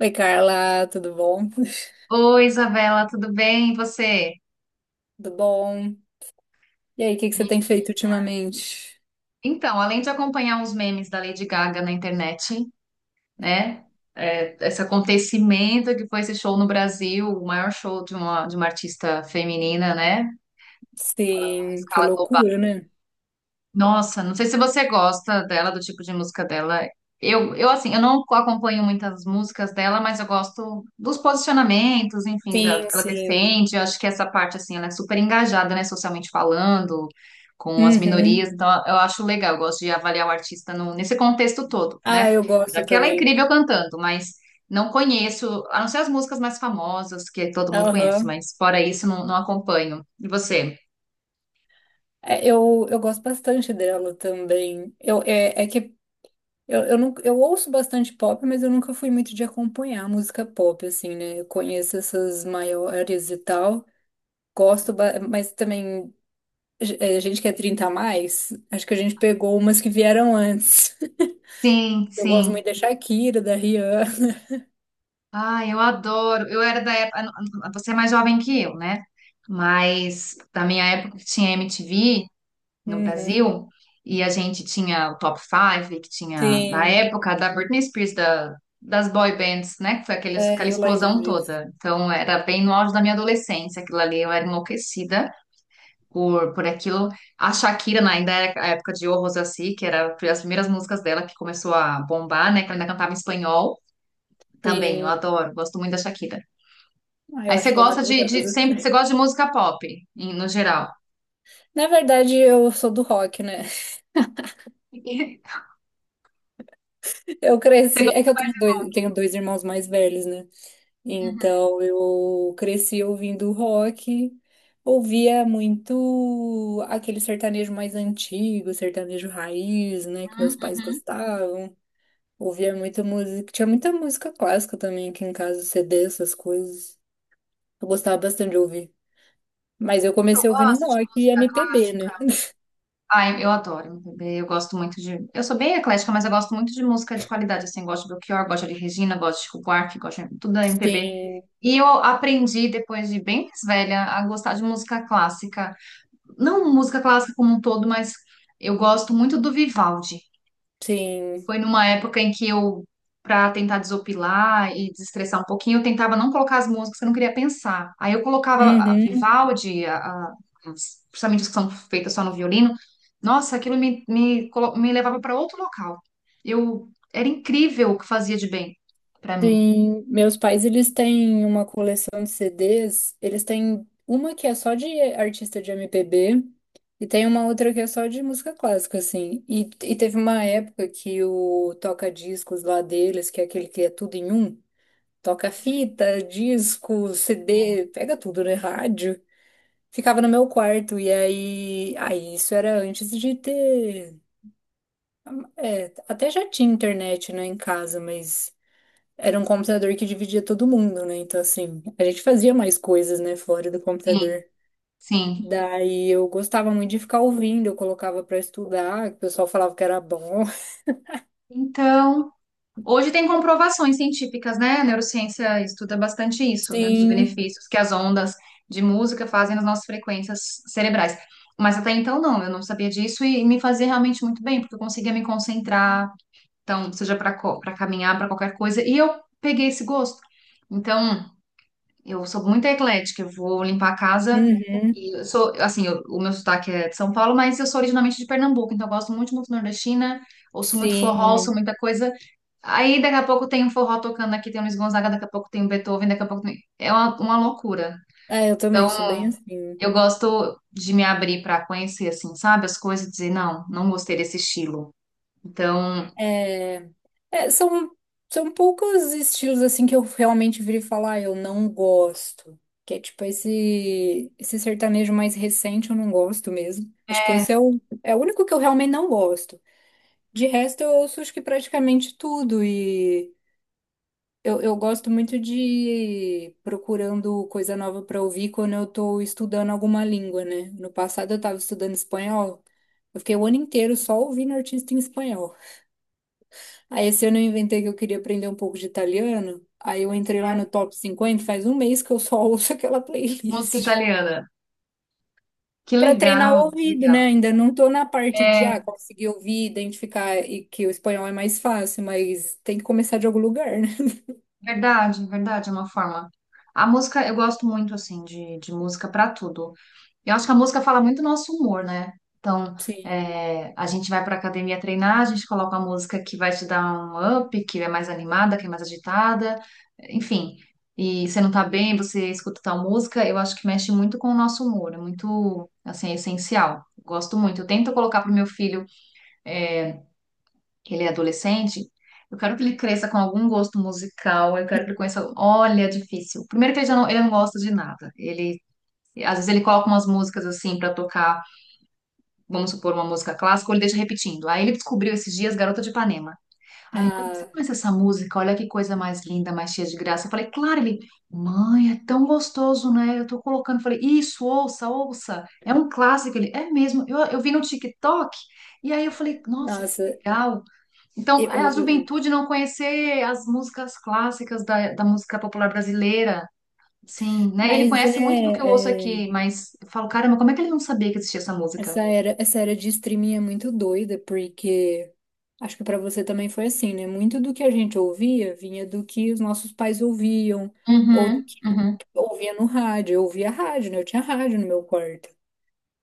Oi, Carla, tudo bom? Oi, Isabela, tudo bem? E você? Tudo bom? E aí, o que que você Me- tem feito ultimamente? Então, além de acompanhar uns memes da Lady Gaga na internet, né? É, esse acontecimento que foi esse show no Brasil, o maior show de uma artista feminina, né? Falando em Sim, por escala global. loucura, né? Nossa, não sei se você gosta dela, do tipo de música dela. Eu assim, eu não acompanho muitas músicas dela, mas eu gosto dos posicionamentos, enfim, da, do Sim, que ela sim. defende. Eu acho que essa parte, assim, ela é super engajada, né, socialmente falando, com as minorias. Uhum. Então, eu acho legal, eu gosto de avaliar o artista nesse contexto todo, Ah, né? eu gosto Porque ela é também. incrível cantando, mas não conheço, a não ser as músicas mais famosas, que todo mundo conhece, Aham. mas fora isso, não, não acompanho. E você? É, eu gosto bastante dela também. Eu, é que não, eu ouço bastante pop, mas eu nunca fui muito de acompanhar música pop, assim, né? Eu conheço essas maiores e tal. Gosto, mas também, a gente que é 30 a mais, acho que a gente pegou umas que vieram antes. Sim, Eu gosto sim. muito da Shakira, da Rihanna. Ah, eu adoro. Eu era da época. Você é mais jovem que eu, né? Mas da minha época que tinha MTV no Uhum. Brasil, e a gente tinha o Top 5, que tinha, na Sim, época, da Britney Spears, das boy bands, né? Que foi aquele, é, aquela eu lembro explosão disso. toda. Então, era bem no auge da minha adolescência, aquilo ali. Eu era enlouquecida por aquilo. A Shakira, né, ainda era a época de O Rosassi, que era as primeiras músicas dela que começou a bombar, né? Que ela ainda cantava em espanhol. Também, eu Sim, adoro, gosto muito da Shakira. ah, eu Aí você acho ela gosta de maravilhosa. sempre, você gosta de música pop, no geral. Na verdade, eu sou do rock, né? Eu Você cresci. É que gosta... eu tenho dois irmãos mais velhos, né? Uhum, Então eu cresci ouvindo rock, ouvia muito aquele sertanejo mais antigo, sertanejo raiz, né? Que meus pais uhum. gostavam. Ouvia muita música. Tinha muita música clássica também aqui em casa, CD, essas coisas. Eu gostava bastante de ouvir. Mas eu Eu comecei ouvindo gosto de rock e música MPB, né? clássica. Ai, eu adoro MPB, eu gosto muito de... Eu sou bem eclética, mas eu gosto muito de música de qualidade, assim, gosto de Belchior, gosto de Regina, gosto de Chico Buarque, gosto de tudo da MPB. Sim, E eu aprendi, depois de bem mais velha, a gostar de música clássica. Não música clássica como um todo, mas eu gosto muito do Vivaldi. sim. Foi numa época em que eu, para tentar desopilar e desestressar um pouquinho, eu tentava não colocar as músicas que eu não queria pensar. Aí eu colocava a Uhum, Vivaldi, principalmente as que são feitas só no violino. Nossa, aquilo me levava para outro local. Eu era incrível o que fazia de bem para mim. sim. Meus pais, eles têm uma coleção de CDs. Eles têm uma que é só de artista de MPB e tem uma outra que é só de música clássica, assim. E teve uma época que o toca-discos lá deles, que é aquele que é tudo em um, toca fita, disco, Sim, CD, pega tudo, né? Rádio. Ficava no meu quarto, e aí isso era antes de ter. É, até já tinha internet, né, em casa, mas era um computador que dividia todo mundo, né? Então, assim, a gente fazia mais coisas, né, fora do sim. computador. Sim. Daí eu gostava muito de ficar ouvindo, eu colocava pra estudar, que o pessoal falava que era bom. Então, hoje tem comprovações científicas, né? A neurociência estuda bastante isso, né? Dos Sim, benefícios que as ondas de música fazem nas nossas frequências cerebrais. Mas até então não, eu não sabia disso e me fazia realmente muito bem, porque eu conseguia me concentrar, então, seja para caminhar, para qualquer coisa, e eu peguei esse gosto. Então, eu sou muito eclética, eu vou limpar a casa uhum, e eu sou, assim, o meu sotaque é de São Paulo, mas eu sou originalmente de Pernambuco, então eu gosto muito de música nordestina, ouço muito forró, ouço sim. muita coisa. Aí daqui a pouco tem um forró tocando aqui, tem um Luiz Gonzaga, daqui a pouco tem um Beethoven, daqui a pouco tem... É uma loucura. É, eu também sou bem Então, assim. eu gosto de me abrir para conhecer, assim, sabe, as coisas e dizer, não, não gostei desse estilo. Então, É, é, são poucos estilos assim que eu realmente virei falar, "Ah, eu não gosto. Que é tipo esse sertanejo mais recente, eu não gosto mesmo. Acho que é esse é o único que eu realmente não gosto. De resto, eu ouço acho que praticamente tudo. E eu gosto muito de ir procurando coisa nova para ouvir quando eu tô estudando alguma língua, né? No passado eu tava estudando espanhol. Eu fiquei o ano inteiro só ouvindo artista em espanhol. Aí esse ano eu inventei que eu queria aprender um pouco de italiano. Aí eu entrei lá no Top 50. Faz um mês que eu só ouço aquela música playlist. italiana. Que Pra treinar o legal, que ouvido, legal. né? Ainda não tô na parte de ah, É conseguir ouvir, identificar e que o espanhol é mais fácil, mas tem que começar de algum lugar, né? verdade, verdade, é uma forma. A música, eu gosto muito, assim, de música para tudo. Eu acho que a música fala muito do nosso humor, né? Então, Sim. é, a gente vai para academia treinar, a gente coloca uma música que vai te dar um up, que é mais animada, que é mais agitada, enfim. E você não tá bem, você escuta tal música, eu acho que mexe muito com o nosso humor, é muito, assim, é essencial. Gosto muito. Eu tento colocar pro meu filho, é, que ele é adolescente, eu quero que ele cresça com algum gosto musical, eu quero que ele conheça. Olha, é difícil. Primeiro que ele já não, ele não gosta de nada. Ele, às vezes ele coloca umas músicas assim para tocar, vamos supor, uma música clássica, ou ele deixa repetindo. Aí ele descobriu esses dias Garota de Ipanema. Aí ele, mãe, você Ah, conhece essa música? Olha que coisa mais linda, mais cheia de graça. Eu falei, claro, ele, mãe, é tão gostoso, né? Eu tô colocando. Eu falei, isso, ouça, ouça. É um clássico. Ele, é mesmo. Eu vi no TikTok. E aí eu falei, nossa, que nossa, legal. Então, eu, é a eu- eu- juventude não conhecer as músicas clássicas da, da música popular brasileira. Sim, né? Ele mas conhece muito do que eu ouço é. aqui, mas eu falo, caramba, como é que ele não sabia que existia essa música? essa era de streaming é muito doida, porque acho que pra você também foi assim, né? Muito do que a gente ouvia vinha do que os nossos pais ouviam, ou do Uhum, que uhum. ouvia no rádio. Eu ouvia rádio, né? Eu tinha rádio no meu quarto.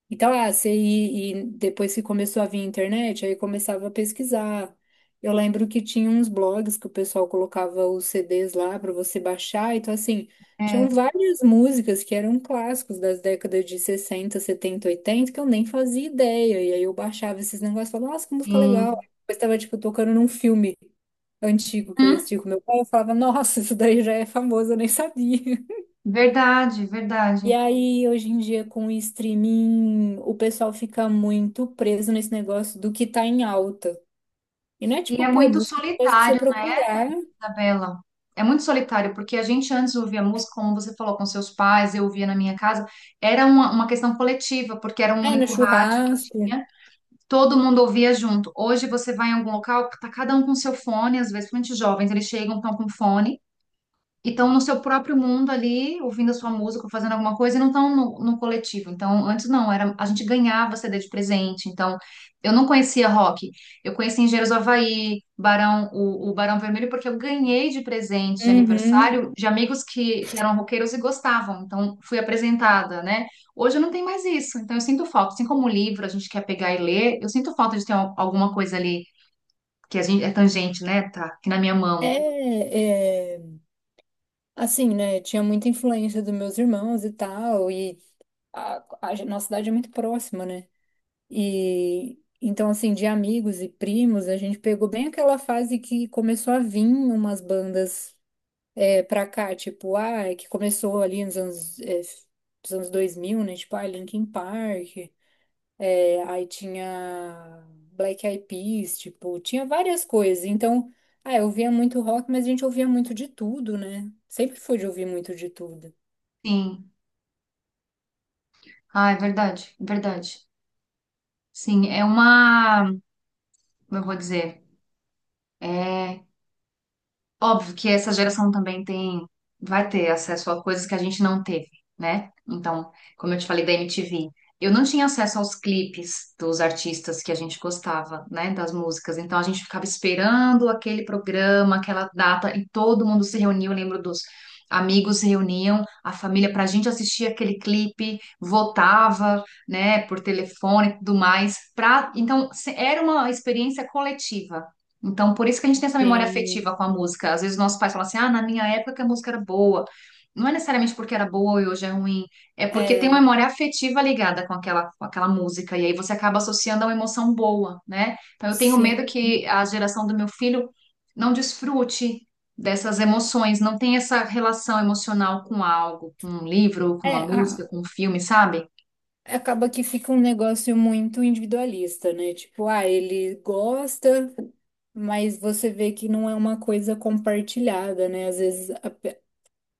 Então, ah, você e depois que começou a vir a internet, aí começava a pesquisar. Eu lembro que tinha uns blogs que o pessoal colocava os CDs lá para você baixar. Então, assim, tinham É, várias músicas que eram clássicos das décadas de 60, 70, 80 que eu nem fazia ideia. E aí eu baixava esses negócios e falava, nossa, que música legal. sim. Aí depois estava, tipo, tocando num filme antigo que eu ia Hum, assistir com meu pai. Eu falava, nossa, isso daí já é famoso, eu nem sabia. verdade, verdade. E aí, hoje em dia, com o streaming, o pessoal fica muito preso nesse negócio do que tá em alta. E não é E tipo, é pô, muito música é uma pra você solitário, procurar. Isabela. É muito solitário, porque a gente antes ouvia música, como você falou, com seus pais, eu ouvia na minha casa. Era uma questão coletiva, porque era um É, no único rádio que churrasco. tinha, todo mundo ouvia junto. Hoje você vai em algum local, tá cada um com seu fone, às vezes, principalmente os jovens, eles chegam, estão com fone. E estão no seu próprio mundo ali, ouvindo a sua música, ou fazendo alguma coisa, e não estão no, no coletivo. Então, antes não, era a gente ganhava CD de presente. Então, eu não conhecia rock. Eu conheci Engenheiros do Havaí, Barão, o Barão Vermelho, porque eu ganhei de presente de Uhum. aniversário de amigos que eram roqueiros e gostavam. Então, fui apresentada, né? Hoje eu não tem mais isso. Então, eu sinto falta. Assim como o livro a gente quer pegar e ler, eu sinto falta de ter alguma coisa ali que a gente é tangente, né? Tá aqui na minha mão. É, é, assim, né? Tinha muita influência dos meus irmãos e tal. E a, nossa cidade é muito próxima, né? E então, assim, de amigos e primos, a gente pegou bem aquela fase que começou a vir umas bandas. É pra cá, tipo, ah, é que começou ali nos anos 2000, né? Tipo, ah, Linkin Park, aí tinha Black Eyed Peas, tipo, tinha várias coisas. Então, ah, eu ouvia muito rock, mas a gente ouvia muito de tudo, né? Sempre foi de ouvir muito de tudo. Sim. Ah, é verdade, verdade. Sim, é uma, como eu vou dizer, é óbvio que essa geração também tem, vai ter acesso a coisas que a gente não teve, né? Então, como eu te falei da MTV, eu não tinha acesso aos clipes dos artistas que a gente gostava, né? Das músicas. Então, a gente ficava esperando aquele programa, aquela data, e todo mundo se reuniu. Eu lembro dos amigos se reuniam, a família, para a gente assistir aquele clipe, votava, né? Por telefone e tudo mais. Pra... Então, era uma experiência coletiva. Então, por isso que a gente tem essa memória Sim, afetiva com a música. Às vezes nossos pais falam assim: ah, na minha época que a música era boa. Não é necessariamente porque era boa e hoje é ruim, é porque tem uma é, memória afetiva ligada com aquela música, e aí você acaba associando a uma emoção boa, né? Então eu tenho sim. medo que a geração do meu filho não desfrute dessas emoções, não tenha essa relação emocional com algo, com um livro, com É, uma música, com um filme, sabe? acaba que fica um negócio muito individualista, né? Tipo, ah, ele gosta, mas você vê que não é uma coisa compartilhada, né? Às vezes a-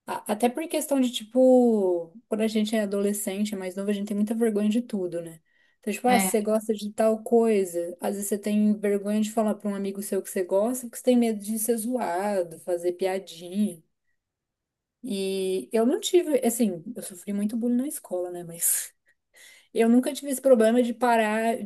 A- até por questão de, tipo, quando a gente é adolescente, é mais novo, a gente tem muita vergonha de tudo, né? Então, tipo, ah, É, se você gosta de tal coisa, às vezes você tem vergonha de falar pra um amigo seu que você gosta, porque você tem medo de ser zoado, fazer piadinha. E eu não tive, assim, eu sofri muito bullying na escola, né? Mas eu nunca tive esse problema de parar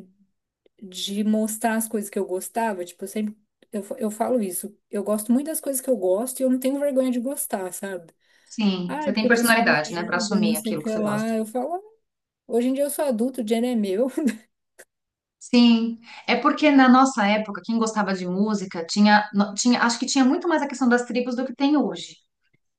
de mostrar as coisas que eu gostava. Tipo, eu sempre, eu falo isso, eu gosto muito das coisas que eu gosto e eu não tenho vergonha de gostar, sabe? sim, você Ai, porque tem o pessoal me personalidade, né, pra julga, não assumir sei o aquilo que que você lá. gosta. Eu falo, "Ah, hoje em dia eu sou adulto, o dinheiro é meu. Sim, é porque na nossa época, quem gostava de música tinha, no- tinha, acho que tinha muito mais a questão das tribos do que tem hoje,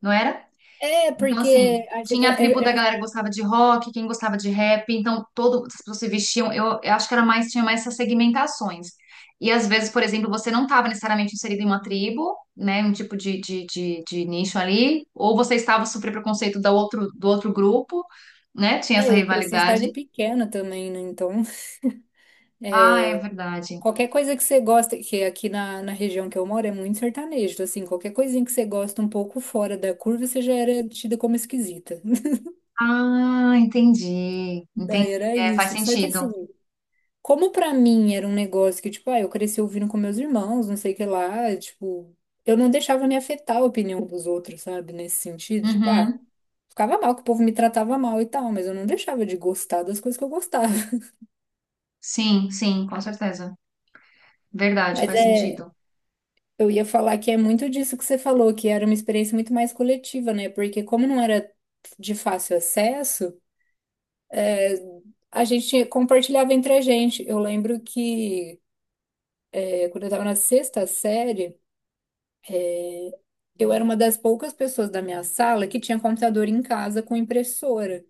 não era? É, Então, porque assim, a ge- é, tinha a tribo da é- galera é- que gostava de rock, quem gostava de rap, então todo, as pessoas se vestiam, eu acho que era mais, tinha mais essas segmentações. E às vezes, por exemplo, você não estava necessariamente inserido em uma tribo, né, um tipo de nicho ali, ou você estava super preconceito do outro grupo, né, tinha essa é, eu cresci em cidade rivalidade. pequena também, né? Então, Ah, é verdade. qualquer coisa que você gosta, que aqui na região que eu moro é muito sertanejo, assim, qualquer coisinha que você gosta um pouco fora da curva, você já era tida como esquisita. Ah, entendi. Daí Entendi. era É, faz isso. Só que sentido. assim, como pra mim era um negócio que, tipo, ah, eu cresci ouvindo com meus irmãos, não sei o que lá, tipo, eu não deixava me afetar a opinião dos outros, sabe? Nesse sentido, tipo, ah. Uhum. Ficava mal, que o povo me tratava mal e tal, mas eu não deixava de gostar das coisas que eu gostava. Sim, sim, com certeza. Verdade, Mas faz é, sentido. eu ia falar que é muito disso que você falou, que era uma experiência muito mais coletiva, né? Porque como não era de fácil acesso, a gente compartilhava entre a gente. Eu lembro que quando eu estava na sexta série, é, eu era uma das poucas pessoas da minha sala que tinha computador em casa com impressora.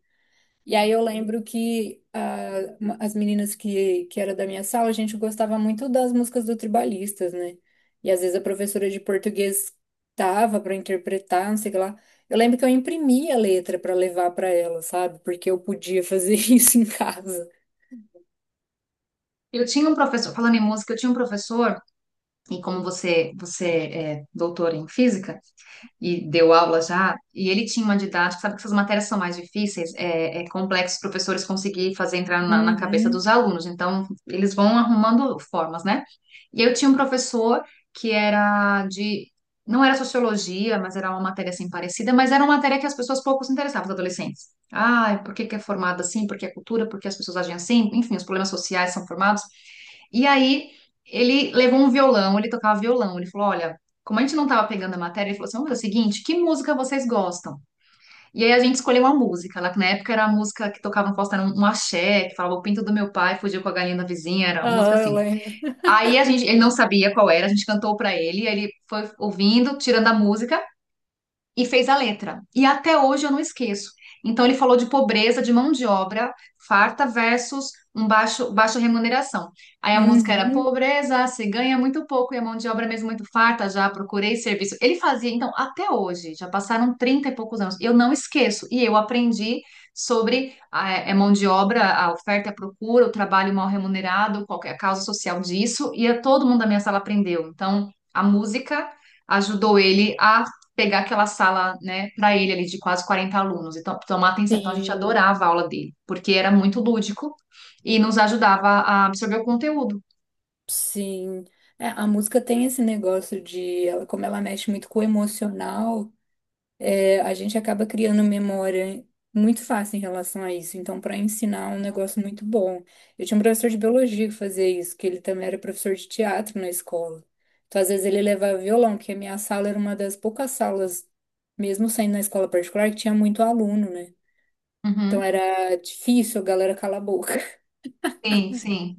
E aí eu lembro que ah, as meninas que era da minha sala, a gente gostava muito das músicas do Tribalistas, né? E às vezes a professora de português tava para interpretar, não sei o que lá. Eu lembro que eu imprimia a letra para levar para ela, sabe? Porque eu podia fazer isso em casa. Eu tinha um professor, falando em música, eu tinha um professor, e como você, você é doutor em física e deu aula já, e ele tinha uma didática, sabe que essas matérias são mais difíceis, é, é complexo os professores conseguir fazer entrar na, na cabeça dos Uhum. alunos, então eles vão arrumando formas, né? E eu tinha um professor que era de. Não era sociologia, mas era uma matéria assim parecida, mas era uma matéria que as pessoas pouco se interessavam, os adolescentes. Ah, por que que é formado assim? Por que é cultura? Por que as pessoas agem assim? Enfim, os problemas sociais são formados. E aí ele levou um violão, ele tocava violão. Ele falou: olha, como a gente não estava pegando a matéria, ele falou assim: vamos fazer o seguinte, que música vocês gostam? E aí a gente escolheu uma música. Lá que na época era a música que tocava no posto, era um axé, que falava o pinto do meu pai fugiu com a galinha da vizinha, era uma música Ah, eu assim. lembro. Aí a gente, ele não sabia qual era, a gente cantou pra ele, aí ele foi ouvindo, tirando a música e fez a letra. E até hoje eu não esqueço. Então ele falou de pobreza de mão de obra farta versus um baixo baixa remuneração. Aí a música era Uhum. pobreza, se ganha muito pouco e a mão de obra mesmo muito farta, já procurei serviço. Ele fazia, então, até hoje, já passaram 30 e poucos anos. Eu não esqueço e eu aprendi sobre a mão de obra, a oferta e a procura, o trabalho mal remunerado, qualquer causa social disso, e todo mundo da minha sala aprendeu. Então, a música ajudou ele a pegar aquela sala, né, para ele ali de quase 40 alunos e tomar atenção. Então a gente Sim, adorava a aula dele, porque era muito lúdico e nos ajudava a absorver o conteúdo. sim. É, a música tem esse negócio de, ela, como ela mexe muito com o emocional. É, a gente acaba criando memória muito fácil em relação a isso. Então, para ensinar é um negócio muito bom. Eu tinha um professor de biologia que fazia isso, que ele também era professor de teatro na escola. Então, às vezes ele levava violão, que a minha sala era uma das poucas salas, mesmo sendo na escola particular, que tinha muito aluno, né? Então Uhum. era difícil a galera calar a boca. Sim, sim.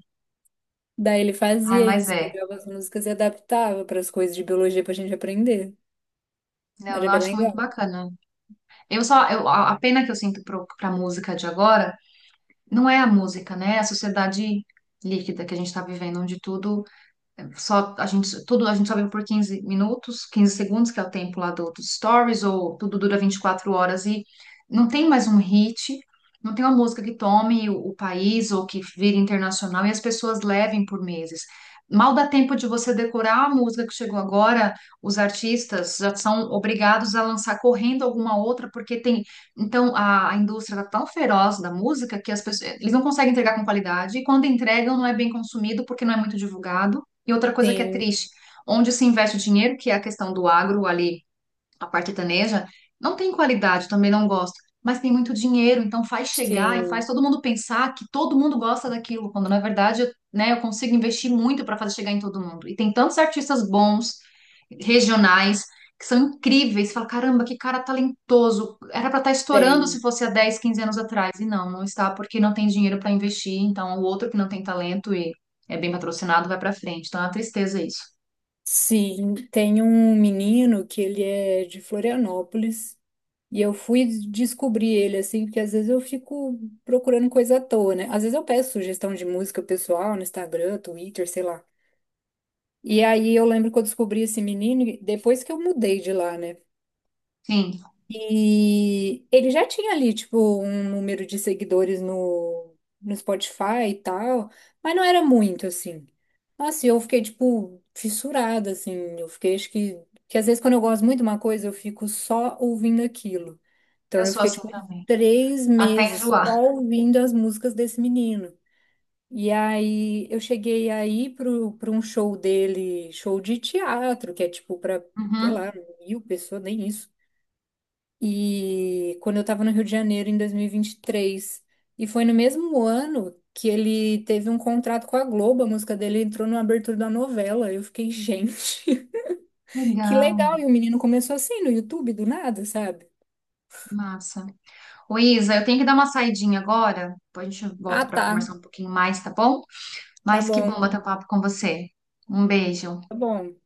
Daí ele Ai, fazia mas isso, é. pegava as músicas e adaptava para as coisas de biologia para a gente aprender. Não, eu Era bem acho muito legal. bacana. Eu só, eu, a pena que eu sinto para a música de agora não é a música, né? É a sociedade líquida que a gente está vivendo, onde tudo só a gente, tudo a gente só vive por 15 minutos, 15 segundos, que é o tempo lá do, dos stories, ou tudo dura 24 horas e não tem mais um hit, não tem uma música que tome o país ou que vire internacional e as pessoas levem por meses. Mal dá tempo de você decorar a música que chegou agora, os artistas já são obrigados a lançar correndo alguma outra, porque tem. Então, a indústria está tão feroz da música que as pessoas, eles não conseguem entregar com qualidade, e quando entregam, não é bem consumido porque não é muito divulgado. E outra coisa que é Sim, triste, onde se investe o dinheiro, que é a questão do agro ali, a parte sertaneja, não tem qualidade, também não gosto, mas tem muito dinheiro, então faz chegar e faz sim, todo mundo pensar que todo mundo gosta daquilo, quando na verdade, eu, né, eu consigo investir muito para fazer chegar em todo mundo. E tem tantos artistas bons, regionais, que são incríveis, fala, caramba, que cara talentoso, era para estar estourando se tem. fosse há 10 15 anos atrás. E não, não está porque não tem dinheiro para investir, então o outro que não tem talento e é bem patrocinado vai para frente. Então é uma tristeza isso. Sim, tem um menino que ele é de Florianópolis e eu fui descobrir ele assim, porque às vezes eu fico procurando coisa à toa, né? Às vezes eu peço sugestão de música pessoal no Instagram, Twitter, sei lá. E aí eu lembro que eu descobri esse menino e depois que eu mudei de lá, né? Sim, E ele já tinha ali, tipo, um número de seguidores no Spotify e tal, mas não era muito, assim. Nossa, e eu fiquei, tipo, fissurada, assim. Eu fiquei, acho que. Que às vezes quando eu gosto muito de uma coisa, eu fico só ouvindo aquilo. Então eu eu sou fiquei, assim tipo, também. 3 Até meses enjoar. só ouvindo as músicas desse menino. E aí eu cheguei aí pro um show dele, show de teatro, que é tipo pra, sei Uhum. lá, mil pessoas, nem isso e quando eu estava no Rio de Janeiro em 2023. E 23. E foi no mesmo ano que ele teve um contrato com a Globo, a música dele entrou na abertura da novela. Eu fiquei, gente, que Legal, legal! E o menino começou assim no YouTube do nada, sabe? massa. Ô, Isa, eu tenho que dar uma saidinha agora. Depois a gente volta Ah, para tá, conversar um pouquinho mais, tá bom? tá Mas que bom, bom bater um papo com você. Um beijo. tá bom.